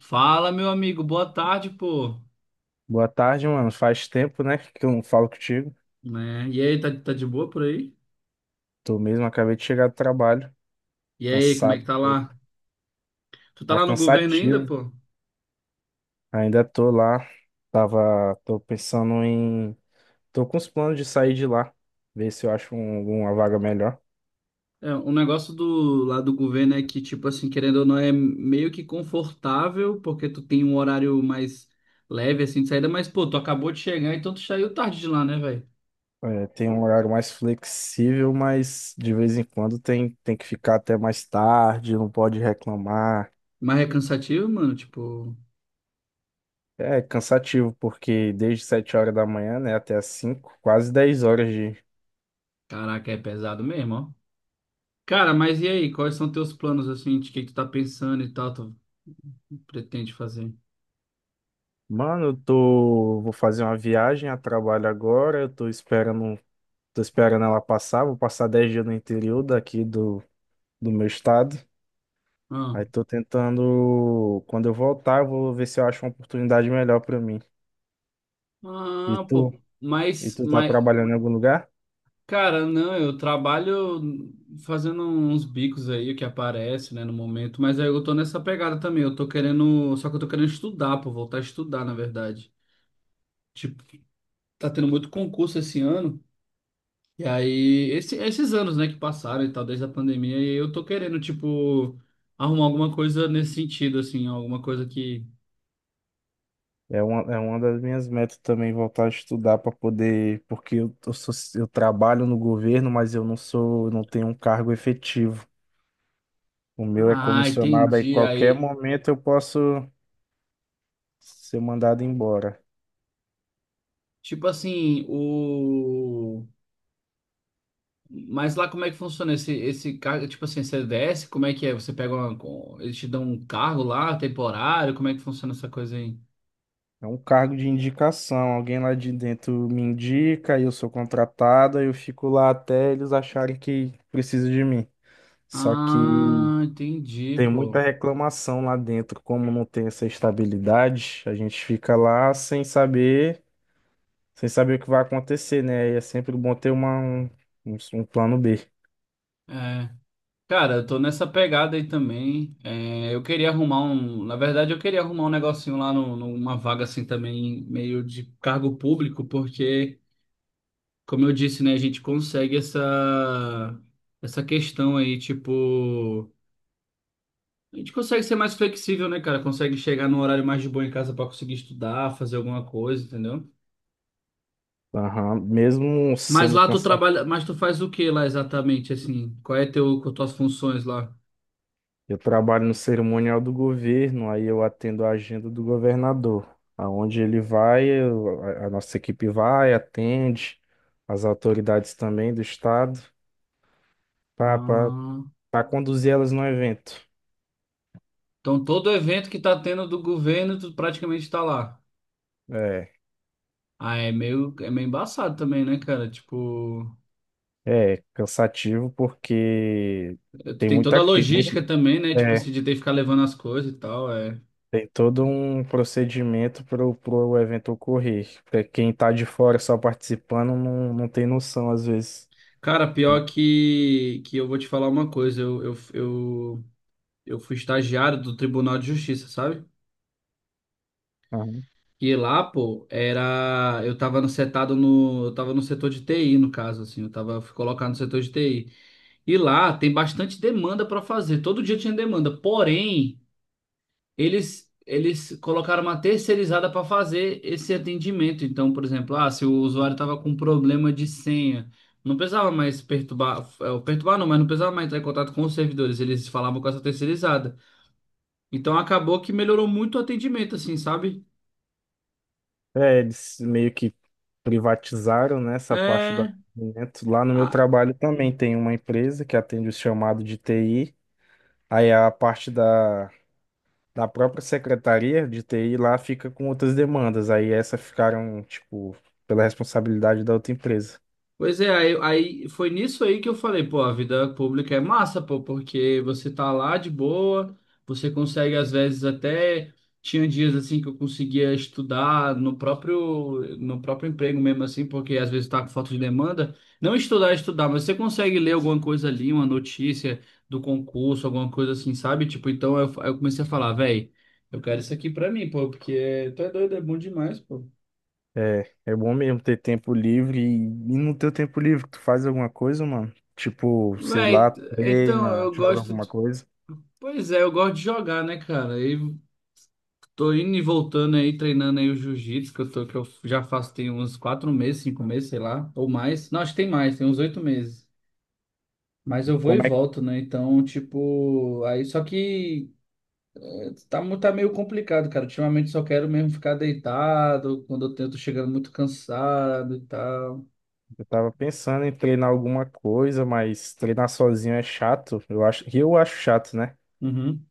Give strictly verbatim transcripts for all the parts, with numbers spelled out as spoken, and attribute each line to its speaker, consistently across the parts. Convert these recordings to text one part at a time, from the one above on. Speaker 1: Fala, meu amigo, boa tarde, pô.
Speaker 2: Boa tarde, mano. Faz tempo, né, que eu não falo contigo.
Speaker 1: Né? E aí, tá, tá de boa por aí?
Speaker 2: Tô mesmo, acabei de chegar do trabalho,
Speaker 1: E aí, como é
Speaker 2: cansado
Speaker 1: que
Speaker 2: um
Speaker 1: tá
Speaker 2: pouco.
Speaker 1: lá? Tu tá
Speaker 2: Tá
Speaker 1: lá no governo ainda,
Speaker 2: cansativo.
Speaker 1: pô?
Speaker 2: Ainda tô lá. Tava, tô pensando em, tô com os planos de sair de lá, ver se eu acho um- alguma vaga melhor.
Speaker 1: É, o negócio do lá do governo é que, tipo assim, querendo ou não, é meio que confortável, porque tu tem um horário mais leve, assim, de saída, mas, pô, tu acabou de chegar, então tu saiu tarde de lá, né, velho?
Speaker 2: É, tem um horário mais flexível, mas de vez em quando tem, tem que ficar até mais tarde, não pode reclamar.
Speaker 1: Mas é cansativo, mano, tipo,
Speaker 2: É cansativo, porque desde sete horas da manhã, né, até as cinco, quase dez horas.
Speaker 1: caraca, é pesado mesmo, ó. Cara, mas e aí, quais são teus planos, assim, de que que tu tá pensando e tal, tu pretende fazer?
Speaker 2: Mano, eu tô, vou fazer uma viagem a trabalho agora. Eu tô esperando, tô esperando ela passar. Vou passar dez dias no interior daqui do, do meu estado.
Speaker 1: Ah.
Speaker 2: Aí tô tentando, quando eu voltar, eu vou ver se eu acho uma oportunidade melhor pra mim. E
Speaker 1: Ah,
Speaker 2: tu,
Speaker 1: pô,
Speaker 2: e
Speaker 1: mas,
Speaker 2: tu tá
Speaker 1: mas,
Speaker 2: trabalhando em algum lugar?
Speaker 1: cara, não, eu trabalho fazendo uns bicos aí que aparece, né, no momento, mas aí eu tô nessa pegada também, eu tô querendo, só que eu tô querendo estudar, pô, voltar a estudar, na verdade. Tipo, tá tendo muito concurso esse ano, e aí, esse- esses anos, né, que passaram e tal, desde a pandemia, e eu tô querendo, tipo, arrumar alguma coisa nesse sentido, assim, alguma coisa que...
Speaker 2: É uma, é uma das minhas metas também voltar a estudar para poder, porque eu, eu sou, eu trabalho no governo, mas eu não sou, não tenho um cargo efetivo. O meu é
Speaker 1: Ah,
Speaker 2: comissionado, aí
Speaker 1: entendi,
Speaker 2: qualquer
Speaker 1: aí,
Speaker 2: momento eu posso ser mandado embora.
Speaker 1: tipo assim, o... Mas lá como é que funciona esse, esse cargo? Tipo assim, você desce, como é que é? Você pega uma. com- Eles te dão um cargo lá, temporário? Como é que funciona essa coisa aí?
Speaker 2: É um cargo de indicação. Alguém lá de dentro me indica, eu sou contratado, eu fico lá até eles acharem que precisa de mim. Só que
Speaker 1: Ah, entendi,
Speaker 2: tem muita
Speaker 1: pô.
Speaker 2: reclamação lá dentro, como não tem essa estabilidade, a gente fica lá sem saber, sem saber o que vai acontecer, né? E é sempre bom ter uma, um, um plano bê.
Speaker 1: É. Cara, eu tô nessa pegada aí também. É, eu queria arrumar um. Na verdade, eu queria arrumar um negocinho lá no, numa vaga assim também, meio de cargo público, porque, como eu disse, né, a gente consegue essa, essa questão aí, tipo. A gente consegue ser mais flexível, né, cara? Consegue chegar num horário mais de boa em casa pra conseguir estudar, fazer alguma coisa, entendeu?
Speaker 2: Aham. Mesmo
Speaker 1: Mas
Speaker 2: sendo
Speaker 1: lá tu
Speaker 2: cansativo.
Speaker 1: trabalha, mas tu faz o que lá exatamente, assim? Qual é teu, qual tuas funções lá?
Speaker 2: Eu trabalho no cerimonial do governo, aí eu atendo a agenda do governador. Aonde ele vai, eu- a a nossa equipe vai, atende, as autoridades também do estado, para
Speaker 1: Ah,
Speaker 2: conduzir elas no evento.
Speaker 1: então todo evento que tá tendo do governo, tu praticamente tá lá.
Speaker 2: É,
Speaker 1: Ah, é meio, é meio embaçado também, né, cara? Tipo,
Speaker 2: é cansativo porque
Speaker 1: tu
Speaker 2: tem
Speaker 1: tem toda
Speaker 2: muita,
Speaker 1: a
Speaker 2: tem
Speaker 1: logística
Speaker 2: muito,
Speaker 1: também, né? Tipo, assim,
Speaker 2: é,
Speaker 1: de ter que ficar levando as coisas e tal, é.
Speaker 2: tem todo um procedimento para o evento ocorrer. Pra quem está de fora só participando não, não tem noção às vezes.
Speaker 1: Cara, pior que, que eu vou te falar uma coisa, eu, eu, eu eu fui estagiário do Tribunal de Justiça, sabe?
Speaker 2: Aham.
Speaker 1: E lá, pô, era. Eu tava no setado no. Eu tava no setor de T I, no caso, assim. Eu tava, fui colocado no setor de T I. E lá tem bastante demanda pra fazer. Todo dia tinha demanda. Porém, eles. Eles colocaram uma terceirizada pra fazer esse atendimento. Então, por exemplo, ah, se o usuário tava com problema de senha, não precisava mais perturbar, eh, perturbar não, mas não precisava mais entrar em contato com os servidores. Eles falavam com essa terceirizada. Então acabou que melhorou muito o atendimento, assim, sabe?
Speaker 2: É, eles meio que privatizaram, né, essa parte do
Speaker 1: É.
Speaker 2: atendimento. Lá no meu
Speaker 1: a-
Speaker 2: trabalho também tem uma empresa que atende o chamado de T I. Aí a parte da, da própria secretaria de T I lá fica com outras demandas. Aí essa ficaram, tipo, pela responsabilidade da outra empresa.
Speaker 1: Pois é, aí, aí foi nisso aí que eu falei, pô, a vida pública é massa, pô, porque você tá lá de boa, você consegue às vezes até tinha dias assim que eu conseguia estudar no próprio no próprio emprego mesmo assim, porque às vezes tá com falta de demanda, não estudar, é estudar, mas você consegue ler alguma coisa ali, uma notícia do concurso, alguma coisa assim, sabe? Tipo, então eu, eu comecei a falar, véi, eu quero isso aqui pra mim, pô, porque tu é doido, é bom demais, pô.
Speaker 2: É, é bom mesmo ter tempo livre e, e no teu tempo livre tu faz alguma coisa, mano? Tipo, sei lá,
Speaker 1: Véi, então
Speaker 2: treina,
Speaker 1: eu
Speaker 2: joga
Speaker 1: gosto.
Speaker 2: alguma coisa.
Speaker 1: Pois é, eu gosto de jogar, né, cara? Eu tô indo e voltando aí, treinando aí o jiu-jitsu, que eu tô, que eu já faço tem uns quatro meses, cinco meses, sei lá, ou mais. Não, acho que tem mais, tem uns oito meses. Mas eu vou e
Speaker 2: Como é
Speaker 1: volto, né? Então, tipo, aí só que eh, tá, mu- tá meio complicado, cara. Ultimamente só quero mesmo ficar deitado, quando eu tento chegando muito cansado e tal.
Speaker 2: Eu tava pensando em treinar alguma coisa, mas treinar sozinho é chato. Eu acho, eu acho chato, né?
Speaker 1: Uhum.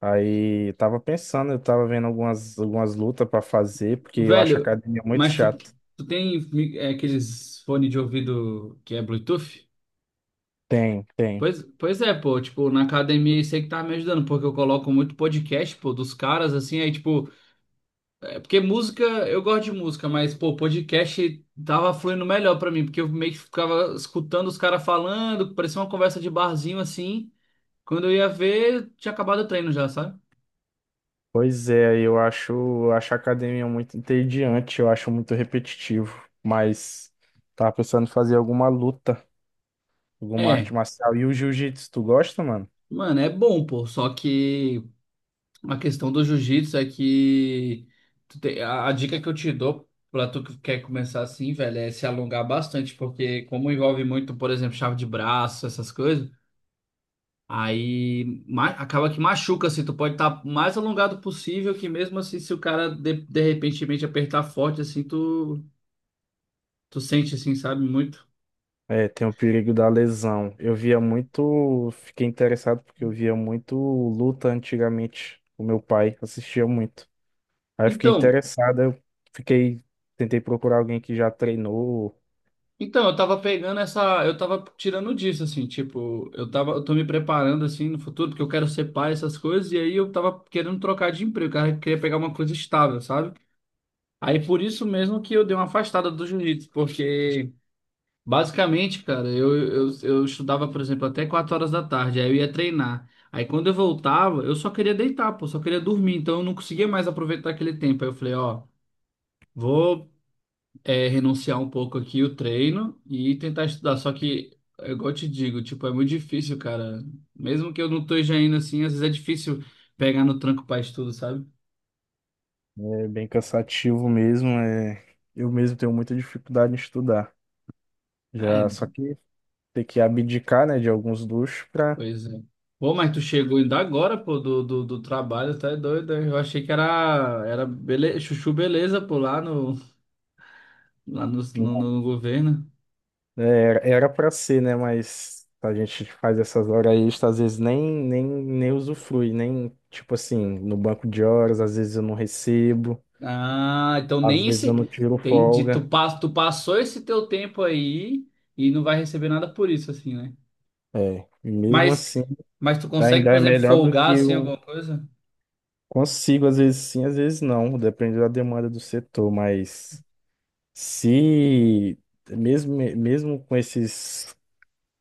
Speaker 2: Aí eu tava pensando, eu tava vendo algumas, algumas lutas pra fazer, porque eu acho a
Speaker 1: Velho,
Speaker 2: academia muito
Speaker 1: mas tu,
Speaker 2: chato.
Speaker 1: tu tem eh, aqueles fones de ouvido que é Bluetooth?
Speaker 2: Tem, tem.
Speaker 1: Pois, pois é, pô, tipo, na academia isso aí que tá me ajudando, porque eu coloco muito podcast, pô, dos caras, assim, aí, tipo, é, porque música, eu gosto de música, mas, pô, podcast tava fluindo melhor pra mim, porque eu meio que ficava escutando os caras falando, parecia uma conversa de barzinho, assim, quando eu ia ver, tinha acabado o treino já, sabe?
Speaker 2: Pois é, eu acho, eu acho a academia muito entediante, eu acho muito repetitivo. Mas tava pensando em fazer alguma luta, alguma arte
Speaker 1: É,
Speaker 2: marcial. E o jiu-jitsu, tu gosta, mano?
Speaker 1: mano, é bom, pô, só que a questão do jiu-jitsu é que tu te- a, a dica que eu te dou pra tu que quer começar assim, velho, é se alongar bastante, porque como envolve muito, por exemplo, chave de braço, essas coisas, aí ma- acaba que machuca, assim, tu pode estar mais alongado possível, que mesmo assim, se o cara de, de repentemente apertar forte, assim, tu, tu sente, assim, sabe, muito.
Speaker 2: É, tem o perigo da lesão. Eu via muito, fiquei interessado porque eu via muito luta antigamente. O meu pai assistia muito. Aí eu fiquei
Speaker 1: Então,
Speaker 2: interessado, eu fiquei, tentei procurar alguém que já treinou.
Speaker 1: Então, eu tava pegando essa, eu tava tirando disso assim, tipo, eu tava, eu tô me preparando assim no futuro, porque eu quero ser pai, essas coisas, e aí eu tava querendo trocar de emprego, cara, eu queria pegar uma coisa estável, sabe? Aí por isso mesmo que eu dei uma afastada do jiu-jitsu, porque basicamente, cara, eu, eu, eu estudava, por exemplo, até quatro horas da tarde, aí eu ia treinar. Aí quando eu voltava, eu só queria deitar, pô, só queria dormir, então eu não conseguia mais aproveitar aquele tempo. Aí eu falei, ó, vou é renunciar um pouco aqui o treino e tentar estudar. Só que, é igual eu te digo, tipo, é muito difícil, cara. Mesmo que eu não esteja indo assim, às vezes é difícil pegar no tranco pra estudo, sabe?
Speaker 2: É bem cansativo mesmo, é, eu mesmo tenho muita dificuldade em estudar.
Speaker 1: É,
Speaker 2: Já, só que ter que abdicar, né, de alguns luxos para.
Speaker 1: pois é. Pô, mas tu chegou ainda agora, pô, do, do, do trabalho, tá doido, hein? Eu achei que era, era bele... chuchu beleza, pô, lá no, lá no, no, no governo.
Speaker 2: É, era para ser, né? Mas a gente faz essas horas extras, às vezes nem, nem, nem usufrui, nem, tipo assim, no banco de horas, às vezes eu não recebo,
Speaker 1: Ah, então
Speaker 2: às
Speaker 1: nem
Speaker 2: vezes eu
Speaker 1: esse...
Speaker 2: não tiro
Speaker 1: Entendi, tu,
Speaker 2: folga.
Speaker 1: pas- tu passou esse teu tempo aí e não vai receber nada por isso, assim, né?
Speaker 2: É, e mesmo
Speaker 1: Mas,
Speaker 2: assim,
Speaker 1: mas tu consegue,
Speaker 2: ainda
Speaker 1: por
Speaker 2: é
Speaker 1: exemplo,
Speaker 2: melhor do que
Speaker 1: folgar assim
Speaker 2: eu
Speaker 1: alguma coisa?
Speaker 2: consigo, às vezes sim, às vezes não, depende da demanda do setor, mas se, mesmo, mesmo com esses,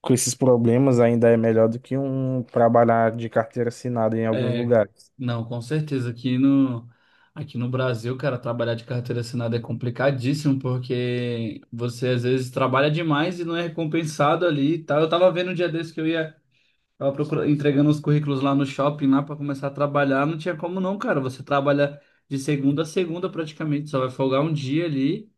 Speaker 2: com esses problemas, ainda é melhor do que um trabalhar de carteira assinada em alguns
Speaker 1: É,
Speaker 2: lugares.
Speaker 1: não, com certeza. Aqui no, aqui no Brasil, cara, trabalhar de carteira assinada é complicadíssimo porque você às vezes trabalha demais e não é recompensado ali e tal. Eu tava vendo um dia desse que eu ia, tava procurando, entregando os currículos lá no shopping lá para começar a trabalhar. Não tinha como não, cara. Você trabalha de segunda a segunda praticamente, só vai folgar um dia ali.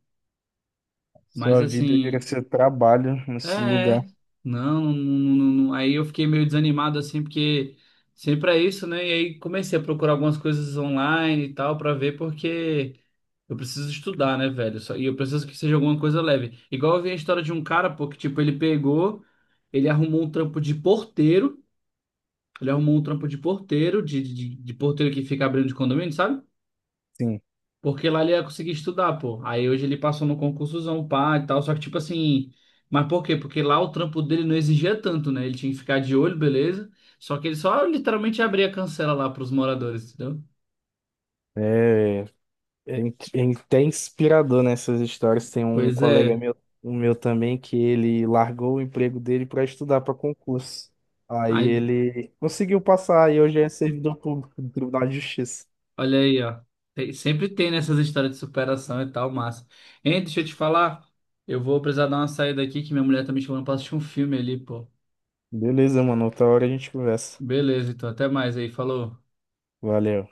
Speaker 1: Mas
Speaker 2: Sua vida vira
Speaker 1: assim,
Speaker 2: seu trabalho
Speaker 1: é,
Speaker 2: nesse lugar.
Speaker 1: é, não, não, não, não- não. aí eu fiquei meio desanimado assim, porque sempre é isso, né? E aí comecei a procurar algumas coisas online e tal pra ver, porque eu preciso estudar, né, velho? Só- E eu preciso que seja alguma coisa leve. Igual eu vi a história de um cara, pô, que tipo, ele pegou, ele arrumou um trampo de porteiro, ele arrumou um trampo de porteiro, de, de, de porteiro que fica abrindo de condomínio, sabe?
Speaker 2: Sim,
Speaker 1: Porque lá ele ia conseguir estudar, pô. Aí hoje ele passou no concursozão, pá, e tal. Só que, tipo assim. Mas por quê? Porque lá o trampo dele não exigia tanto, né? Ele tinha que ficar de olho, beleza. Só que ele só literalmente abria a cancela lá pros moradores, entendeu?
Speaker 2: é, é, in- é até inspirador nessas histórias. Tem um
Speaker 1: Pois
Speaker 2: colega
Speaker 1: é.
Speaker 2: meu, um meu também que ele largou o emprego dele para estudar para concurso. Aí
Speaker 1: Aí,
Speaker 2: ele conseguiu passar e hoje é servidor público do Tribunal de Justiça.
Speaker 1: olha aí, ó. Tem- sempre tem nessas histórias de superação e tal, massa. Hein, deixa eu te falar. Eu vou precisar dar uma saída aqui, que minha mulher tá me chamando pra assistir um filme ali, pô.
Speaker 2: Beleza, mano. Outra hora a gente conversa.
Speaker 1: Beleza, então até mais aí. Falou.
Speaker 2: Valeu.